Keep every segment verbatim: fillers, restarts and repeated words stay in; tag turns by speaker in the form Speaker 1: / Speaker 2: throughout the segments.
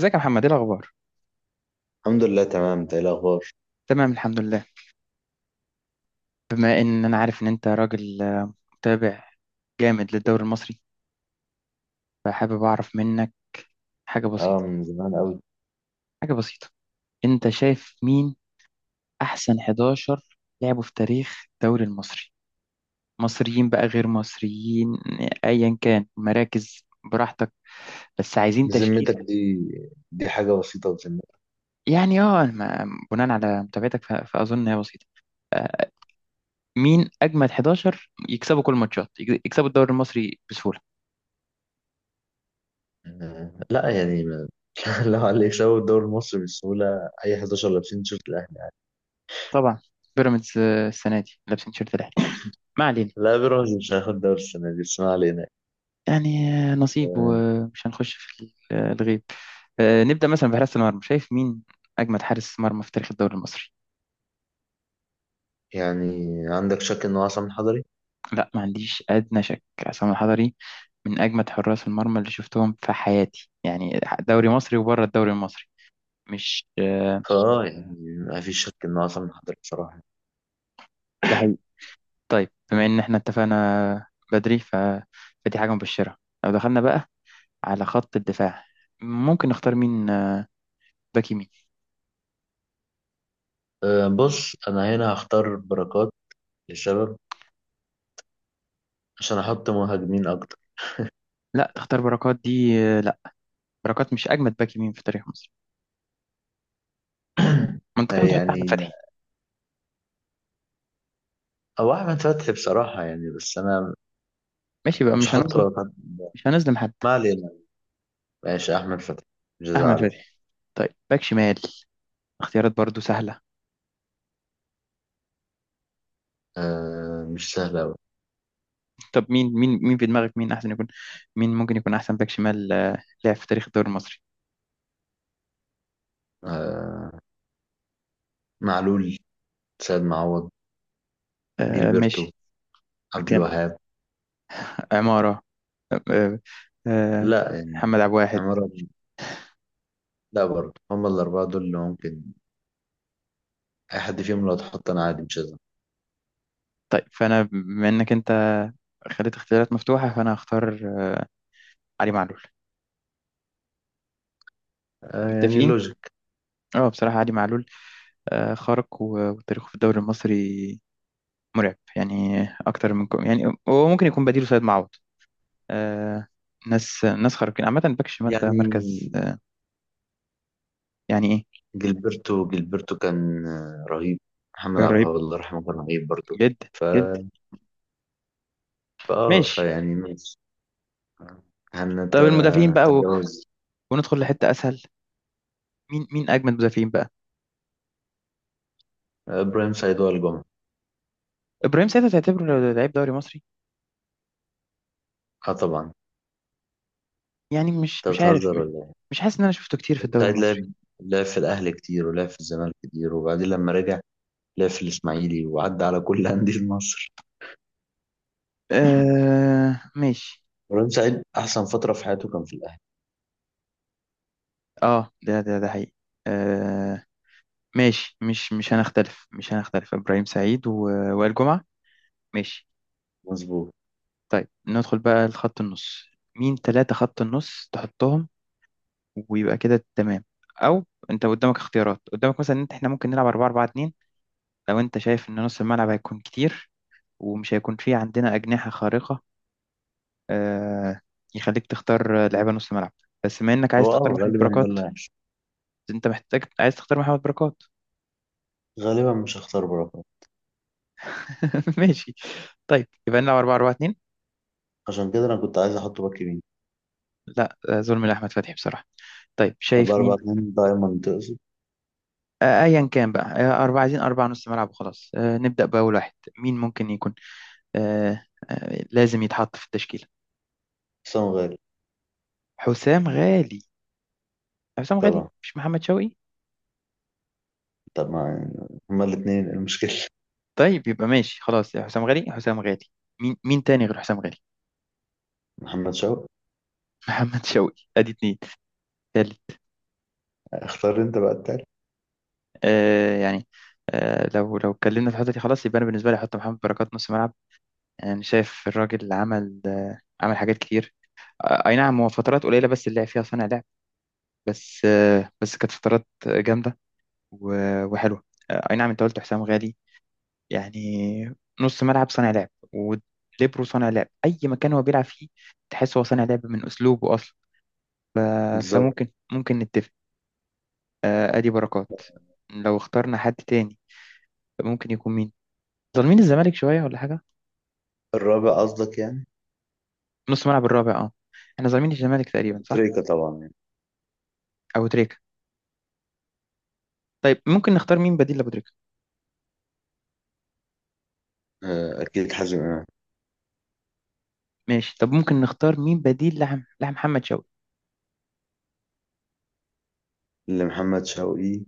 Speaker 1: ازيك يا محمد، ايه الاخبار؟
Speaker 2: الحمد لله، تمام. انت ايه الاخبار؟
Speaker 1: تمام الحمد لله. بما ان انا عارف ان انت راجل آه، متابع جامد للدوري المصري، فحابب اعرف منك حاجه
Speaker 2: اه،
Speaker 1: بسيطه.
Speaker 2: من زمان قوي.
Speaker 1: حاجه بسيطه، انت شايف مين احسن حداشر لعبوا في تاريخ الدوري المصري؟ مصريين بقى، غير مصريين، ايا كان مراكز، براحتك، بس عايزين
Speaker 2: ذمتك
Speaker 1: تشكيل.
Speaker 2: دي، دي حاجه بسيطه بذمتك؟
Speaker 1: يعني اه ما- بناء على متابعتك ف- فاظن هي بسيطه. آه، مين اجمد حداشر يكسبوا كل الماتشات يكسبوا الدوري المصري بسهوله؟
Speaker 2: آه، لا، يعني ما- لو على اللي يكسبوا الدوري المصري بسهوله اي أحد عشر لابسين تيشيرت الاهلي.
Speaker 1: طبعا. بيراميدز آه، السنه دي لابسين شيرت الاهلي. ما علينا.
Speaker 2: لا، بيراميدز مش هياخد الدوري السنه دي، بس ما علينا.
Speaker 1: يعني آه، نصيب،
Speaker 2: آه،
Speaker 1: ومش هنخش في ال- آه، الغيب. آه، نبدا مثلا بحراسه المرمى، شايف مين اجمد حارس مرمى في تاريخ الدوري المصري؟
Speaker 2: يعني عندك شك انه عصام حضري؟
Speaker 1: لا، ما عنديش ادنى شك، عصام الحضري من اجمد حراس المرمى اللي شفتهم في حياتي، يعني دوري مصري وبره الدوري المصري. مش آه،
Speaker 2: اه، يعني ما فيش شك انه عصام حضري بصراحه.
Speaker 1: ده حقيقي. طيب، بما ان احنا اتفقنا بدري ف... فدي حاجه مبشره. لو دخلنا بقى على خط الدفاع، ممكن نختار مين آه، باك يمين؟
Speaker 2: آه، بص، انا هنا هختار بركات للشباب عشان احط مهاجمين اكتر.
Speaker 1: لا، تختار بركات دي؟ لا، بركات مش اجمد باك يمين في تاريخ مصر. ما انت
Speaker 2: آه،
Speaker 1: كنت تحط احمد
Speaker 2: يعني
Speaker 1: فتحي.
Speaker 2: او احمد فتحي بصراحه، يعني، بس انا
Speaker 1: ماشي بقى،
Speaker 2: مش
Speaker 1: مش
Speaker 2: هحط
Speaker 1: هنظلم
Speaker 2: بركات.
Speaker 1: مش هنظلم حد.
Speaker 2: ما علينا. ماشي، أحمد فتحي، مش
Speaker 1: احمد
Speaker 2: زعل.
Speaker 1: فتحي. طيب، باك شمال، اختيارات برضو سهله.
Speaker 2: آه، مش سهل أوي.
Speaker 1: طب مين مين مين في دماغك؟ مين احسن يكون؟ مين ممكن يكون احسن باك شمال آه، لعب في تاريخ الدوري المصري؟
Speaker 2: آه، معلول، سيد معوض،
Speaker 1: آه
Speaker 2: جilberto،
Speaker 1: ماشي.
Speaker 2: عبد
Speaker 1: كان
Speaker 2: الوهاب.
Speaker 1: عماره. آه آه آه،
Speaker 2: لا، يعني،
Speaker 1: محمد عبد الواحد.
Speaker 2: عمرو. لا، برضه هم الأربعة دول اللي ممكن. أي حد فيهم لو اتحط أنا عادي، مش هزعل.
Speaker 1: طيب، فانا بما انك انت خليت اختيارات مفتوحه، فانا هختار آه، علي معلول.
Speaker 2: آه، يعني
Speaker 1: متفقين؟
Speaker 2: لوجيك.
Speaker 1: اه، بصراحه علي معلول آه، خارق، و- وتاريخه في الدوري المصري مرعب يعني. اكتر من كو... يعني هو ممكن يكون بديله سيد معوض. آه، ناس ناس خارقين عامه، باك شمال ده مركز
Speaker 2: يعني
Speaker 1: آه. يعني ايه.
Speaker 2: جilberto جilberto كان آه، رهيب. محمد عبد
Speaker 1: رهيب
Speaker 2: الوهاب الله يرحمه كان رهيب برضه.
Speaker 1: جدا،
Speaker 2: ف
Speaker 1: جدا.
Speaker 2: فآه
Speaker 1: ماشي.
Speaker 2: فيعني ماشي.
Speaker 1: طب المدافعين بقى، و...
Speaker 2: هنتجاوز.
Speaker 1: وندخل لحته اسهل. مين مين اجمد مدافعين بقى؟
Speaker 2: آه، إبراهيم سعيد، وائل جمعة.
Speaker 1: ابراهيم ساعتها تعتبره لعيب دوري مصري؟
Speaker 2: اه، طبعا.
Speaker 1: يعني مش
Speaker 2: انت
Speaker 1: مش عارف
Speaker 2: بتهزر
Speaker 1: م-
Speaker 2: ولا إيه؟
Speaker 1: مش حاسس ان انا شفته كتير في الدوري
Speaker 2: سعيد
Speaker 1: المصري.
Speaker 2: لعب لعب في الأهلي كتير، ولعب في الزمالك كتير، وبعدين لما رجع لعب في الإسماعيلي وعدى على كل أندية مصر.
Speaker 1: آه ماشي.
Speaker 2: إبراهيم سعيد أحسن فترة في حياته كان في الأهلي.
Speaker 1: اه، ده ده ده حقيقي. آه ماشي، مش مش هنختلف مش هنختلف ابراهيم سعيد و... وائل جمعه. ماشي.
Speaker 2: مظبوط.
Speaker 1: طيب، ندخل بقى لخط النص. مين ثلاثة خط النص تحطهم ويبقى كده تمام؟ أو أنت قدامك اختيارات، قدامك مثلا إن إحنا ممكن نلعب اربعه اربعه اتنين، لو أنت شايف إن نص الملعب هيكون كتير ومش هيكون فيه عندنا أجنحة خارقة. آه، يخليك تختار لعيبة نص ملعب. بس بما إنك عايز
Speaker 2: هو
Speaker 1: تختار
Speaker 2: أه
Speaker 1: محمد
Speaker 2: غالبا ده
Speaker 1: بركات،
Speaker 2: اللي هيحصل.
Speaker 1: أنت محتاج عايز تختار محمد بركات.
Speaker 2: غالبا مش هختار بركات.
Speaker 1: ماشي. طيب يبقى نلعب اربعه اربعه اتنين.
Speaker 2: عشان كده أنا كنت عايز أحطه باك يمين.
Speaker 1: لا، آه، ظلم لأحمد فتحي بصراحة. طيب
Speaker 2: أربعة
Speaker 1: شايف
Speaker 2: أربعة
Speaker 1: مين؟
Speaker 2: اتنين دايما تقصد؟
Speaker 1: آه، ايا كان بقى، آه، اربعه، عايزين اربعه نص ملعب وخلاص. آه، نبدا باول واحد. مين ممكن يكون آه، آه، لازم يتحط في التشكيله؟
Speaker 2: حسام غالي.
Speaker 1: حسام غالي. حسام غالي
Speaker 2: طبعا.
Speaker 1: مش محمد شوقي؟
Speaker 2: طب ما هما الاتنين، إيه المشكلة؟
Speaker 1: طيب يبقى ماشي خلاص، يا حسام غالي، حسام غالي. مين مين تاني غير حسام غالي؟
Speaker 2: محمد شوقي.
Speaker 1: محمد شوقي، ادي اتنين. تالت؟
Speaker 2: اختار أنت بقى التالت.
Speaker 1: آه يعني، آه، لو لو اتكلمنا في الحته دي خلاص، يبقى انا بالنسبه لي احط محمد بركات نص ملعب، يعني شايف الراجل عمل آه عمل حاجات كتير. آه اي نعم، هو فترات قليله بس اللي لعب فيها صانع لعب، بس آه بس كانت فترات جامده و- وحلوة. آه، أي نعم، أنت قلت حسام غالي يعني، نص ملعب صانع لعب وليبرو صانع لعب أي مكان هو بيلعب فيه. تحس هو صانع لعب من أسلوبه أصلا. آه،
Speaker 2: بالظبط.
Speaker 1: فممكن ممكن نتفق. آه، أدي بركات. لو اخترنا حد تاني ممكن يكون مين؟ ظالمين الزمالك شوية ولا حاجة؟
Speaker 2: الرابع قصدك يعني؟
Speaker 1: نص ملعب الرابع أه. إحنا ظالمين الزمالك تقريبا، صح؟
Speaker 2: تريكة طبعا، يعني.
Speaker 1: أبو تريكة. طيب ممكن نختار مين بديل لأبو تريكة؟
Speaker 2: آه، أكيد حازم إمام.
Speaker 1: ماشي. طب ممكن نختار مين بديل لعم... لمحمد شوقي؟
Speaker 2: لمحمد شوقي،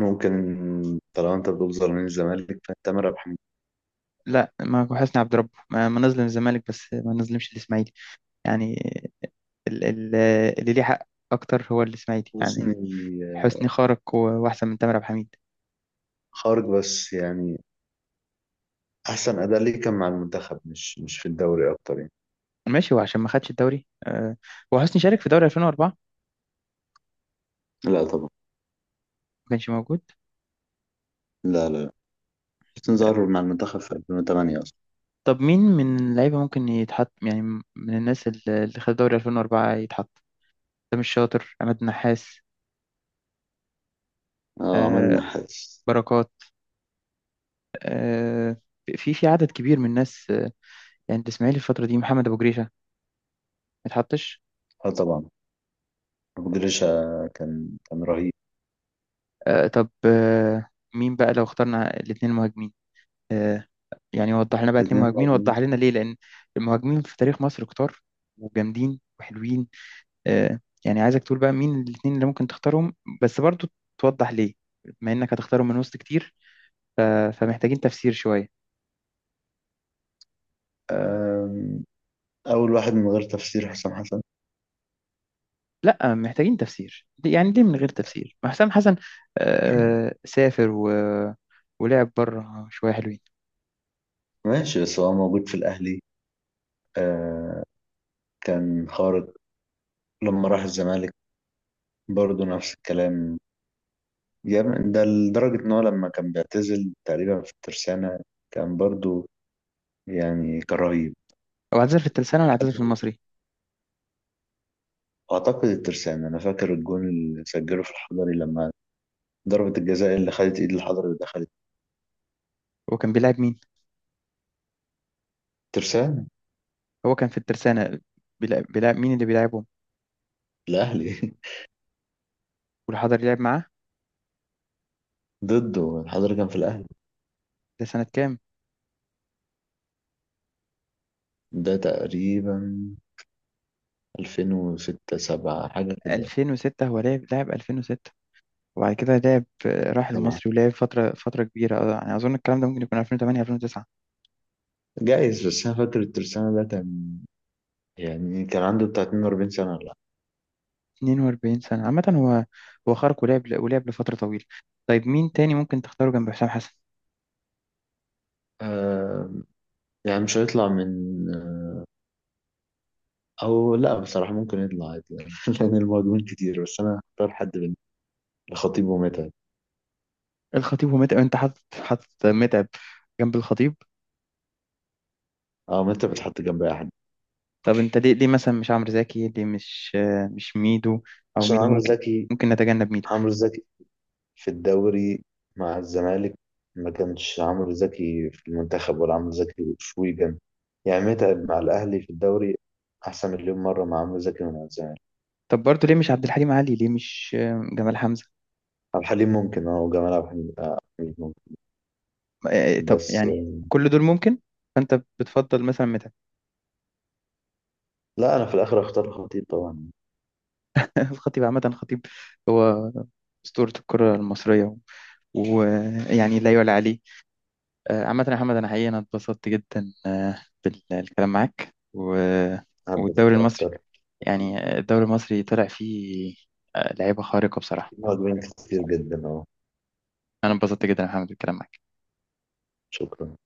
Speaker 2: ممكن. طالما انت بتقول زرمين الزمالك فانت ربح.
Speaker 1: لا، ما هو حسني عبد ربه، ما, ما نظلم الزمالك بس ما نظلمش الإسماعيلي يعني. ال- ال- اللي ليه حق اكتر هو الاسماعيلي يعني.
Speaker 2: حسني.
Speaker 1: حسني خارق و- واحسن من تامر عبد الحميد.
Speaker 2: خارج، بس يعني احسن اداء ليه كان مع المنتخب، مش مش في الدوري اكتر يعني.
Speaker 1: ماشي، هو عشان ما خدش الدوري آه، هو حسني شارك في دوري الفين وأربعة، ما
Speaker 2: لا، طبعا.
Speaker 1: كانش موجود.
Speaker 2: لا، لا، لا. حسين ظهر مع المنتخب في ألفين وتمانية أصلا.
Speaker 1: طب مين من اللعيبه ممكن يتحط يعني؟ من الناس ال- اللي خد دوري الفين واربعه يتحط: سامي الشاطر، عماد النحاس،
Speaker 2: اه، عماد
Speaker 1: آه،
Speaker 2: النحاس.
Speaker 1: بركات. آه، في في عدد كبير من الناس. آه، يعني الاسماعيلي الفتره دي، محمد ابو جريشه ما يتحطش.
Speaker 2: اه، طبعا، مقدرش. كان كان رهيب.
Speaker 1: آه، طب آه، مين بقى لو اخترنا الاثنين مهاجمين آه، يعني؟ وضح لنا بقى اتنين
Speaker 2: الاثنين
Speaker 1: مهاجمين، وضح
Speaker 2: مهاجمين.
Speaker 1: لنا ليه، لأن المهاجمين في تاريخ مصر كتار وجامدين وحلوين. آه، يعني عايزك تقول بقى مين الاتنين اللي ممكن تختارهم، بس برضو توضح ليه، بما إنك هتختارهم من وسط كتير، ف- فمحتاجين تفسير شوية.
Speaker 2: آم، اول واحد من غير تفسير حسام حسن.
Speaker 1: لا، محتاجين تفسير. ليه- يعني ليه من غير تفسير ما حسام حسن آه سافر و... ولعب بره شوية حلوين.
Speaker 2: ماشي، بس هو موجود في الاهلي. آه، كان خارق. لما راح الزمالك برضه نفس الكلام. جامد ده لدرجة إن هو لما كان بيعتزل تقريبا في الترسانة كان برضو يعني كرهيب.
Speaker 1: هو اعتزل في الترسانة ولا اعتزل في المصري؟
Speaker 2: أعتقد الترسانة. أنا فاكر الجون اللي سجله في الحضري لما ضربة الجزاء اللي خدت إيد الحضري ودخلت.
Speaker 1: هو كان بيلعب مين؟
Speaker 2: ترسانة.
Speaker 1: هو كان في الترسانة. بيلعب, بيلعب مين اللي بيلعبهم؟
Speaker 2: الأهلي.
Speaker 1: والحضري لعب معاه؟
Speaker 2: ضده، الحضري كان في الأهلي.
Speaker 1: ده سنة كام؟
Speaker 2: ده تقريبا ألفين وستة، سبعة، حاجة كده.
Speaker 1: الفين وستة هو لعب لعب الفين وستة. وبعد كده لعب آه، راح
Speaker 2: سبعة.
Speaker 1: المصري ولعب فترة فترة كبيرة، آه، يعني أظن الكلام ده ممكن يكون الفين وتمانية الفين وتسعة.
Speaker 2: جايز، بس أنا فاكر الترسانة ده كان يعني كان عنده بتاع اتنين وأربعين سنة ولا لأ.
Speaker 1: اتنين واربعين سنة عامة. هو هو خارق ولعب ولعب لفترة طويلة. طيب مين تاني ممكن تختاره جنب حسام حسن؟
Speaker 2: آه يعني مش هيطلع من... او لا، بصراحة ممكن يطلع عادي يعني، لان المهاجمين كتير، بس انا اختار حد من الخطيب ومتعب.
Speaker 1: الخطيب ومتعب. أنت حاطط، حاطط متعب جنب الخطيب؟
Speaker 2: اه، متعب بتحط جنب اي حد.
Speaker 1: طب أنت ليه، ليه مثلا مش عمرو زكي، ليه مش آه، مش ميدو؟ أو
Speaker 2: عشان
Speaker 1: ميدو
Speaker 2: عمرو
Speaker 1: ممكن.
Speaker 2: زكي،
Speaker 1: ممكن نتجنب ميدو.
Speaker 2: عمرو زكي في الدوري مع الزمالك، ما كانش عمرو زكي في المنتخب ولا عمرو زكي في ويجن. يعني متعب مع الاهلي في الدوري احسن مليون مرة مع عمرو زكي ومع الزمالك.
Speaker 1: طب برضه ليه مش عبد الحليم علي، ليه مش آه، جمال حمزة؟
Speaker 2: عبد الحليم ممكن، اه وجمال عبد الحليم، آه، عبد الحليم ممكن.
Speaker 1: آه، طب
Speaker 2: بس
Speaker 1: يعني
Speaker 2: آه،
Speaker 1: كل دول ممكن، فأنت بتفضل مثلا؟
Speaker 2: لا، انا في الاخر اختار الخطيب طبعا.
Speaker 1: الخطيب عامة، الخطيب هو أسطورة الكرة المصرية، ويعني لا يعلى عليه. آه، عامة يا محمد، أنا حقيقة أنا اتبسطت جدا آه، بالكلام معاك و-
Speaker 2: حبيت
Speaker 1: والدوري المصري،
Speaker 2: اكتر.
Speaker 1: يعني الدوري المصري طلع فيه آه، لعيبة خارقة بصراحة.
Speaker 2: في مهاجمين كتير جدا، اه.
Speaker 1: أنا اتبسطت جدا يا محمد بالكلام معاك.
Speaker 2: شكرا.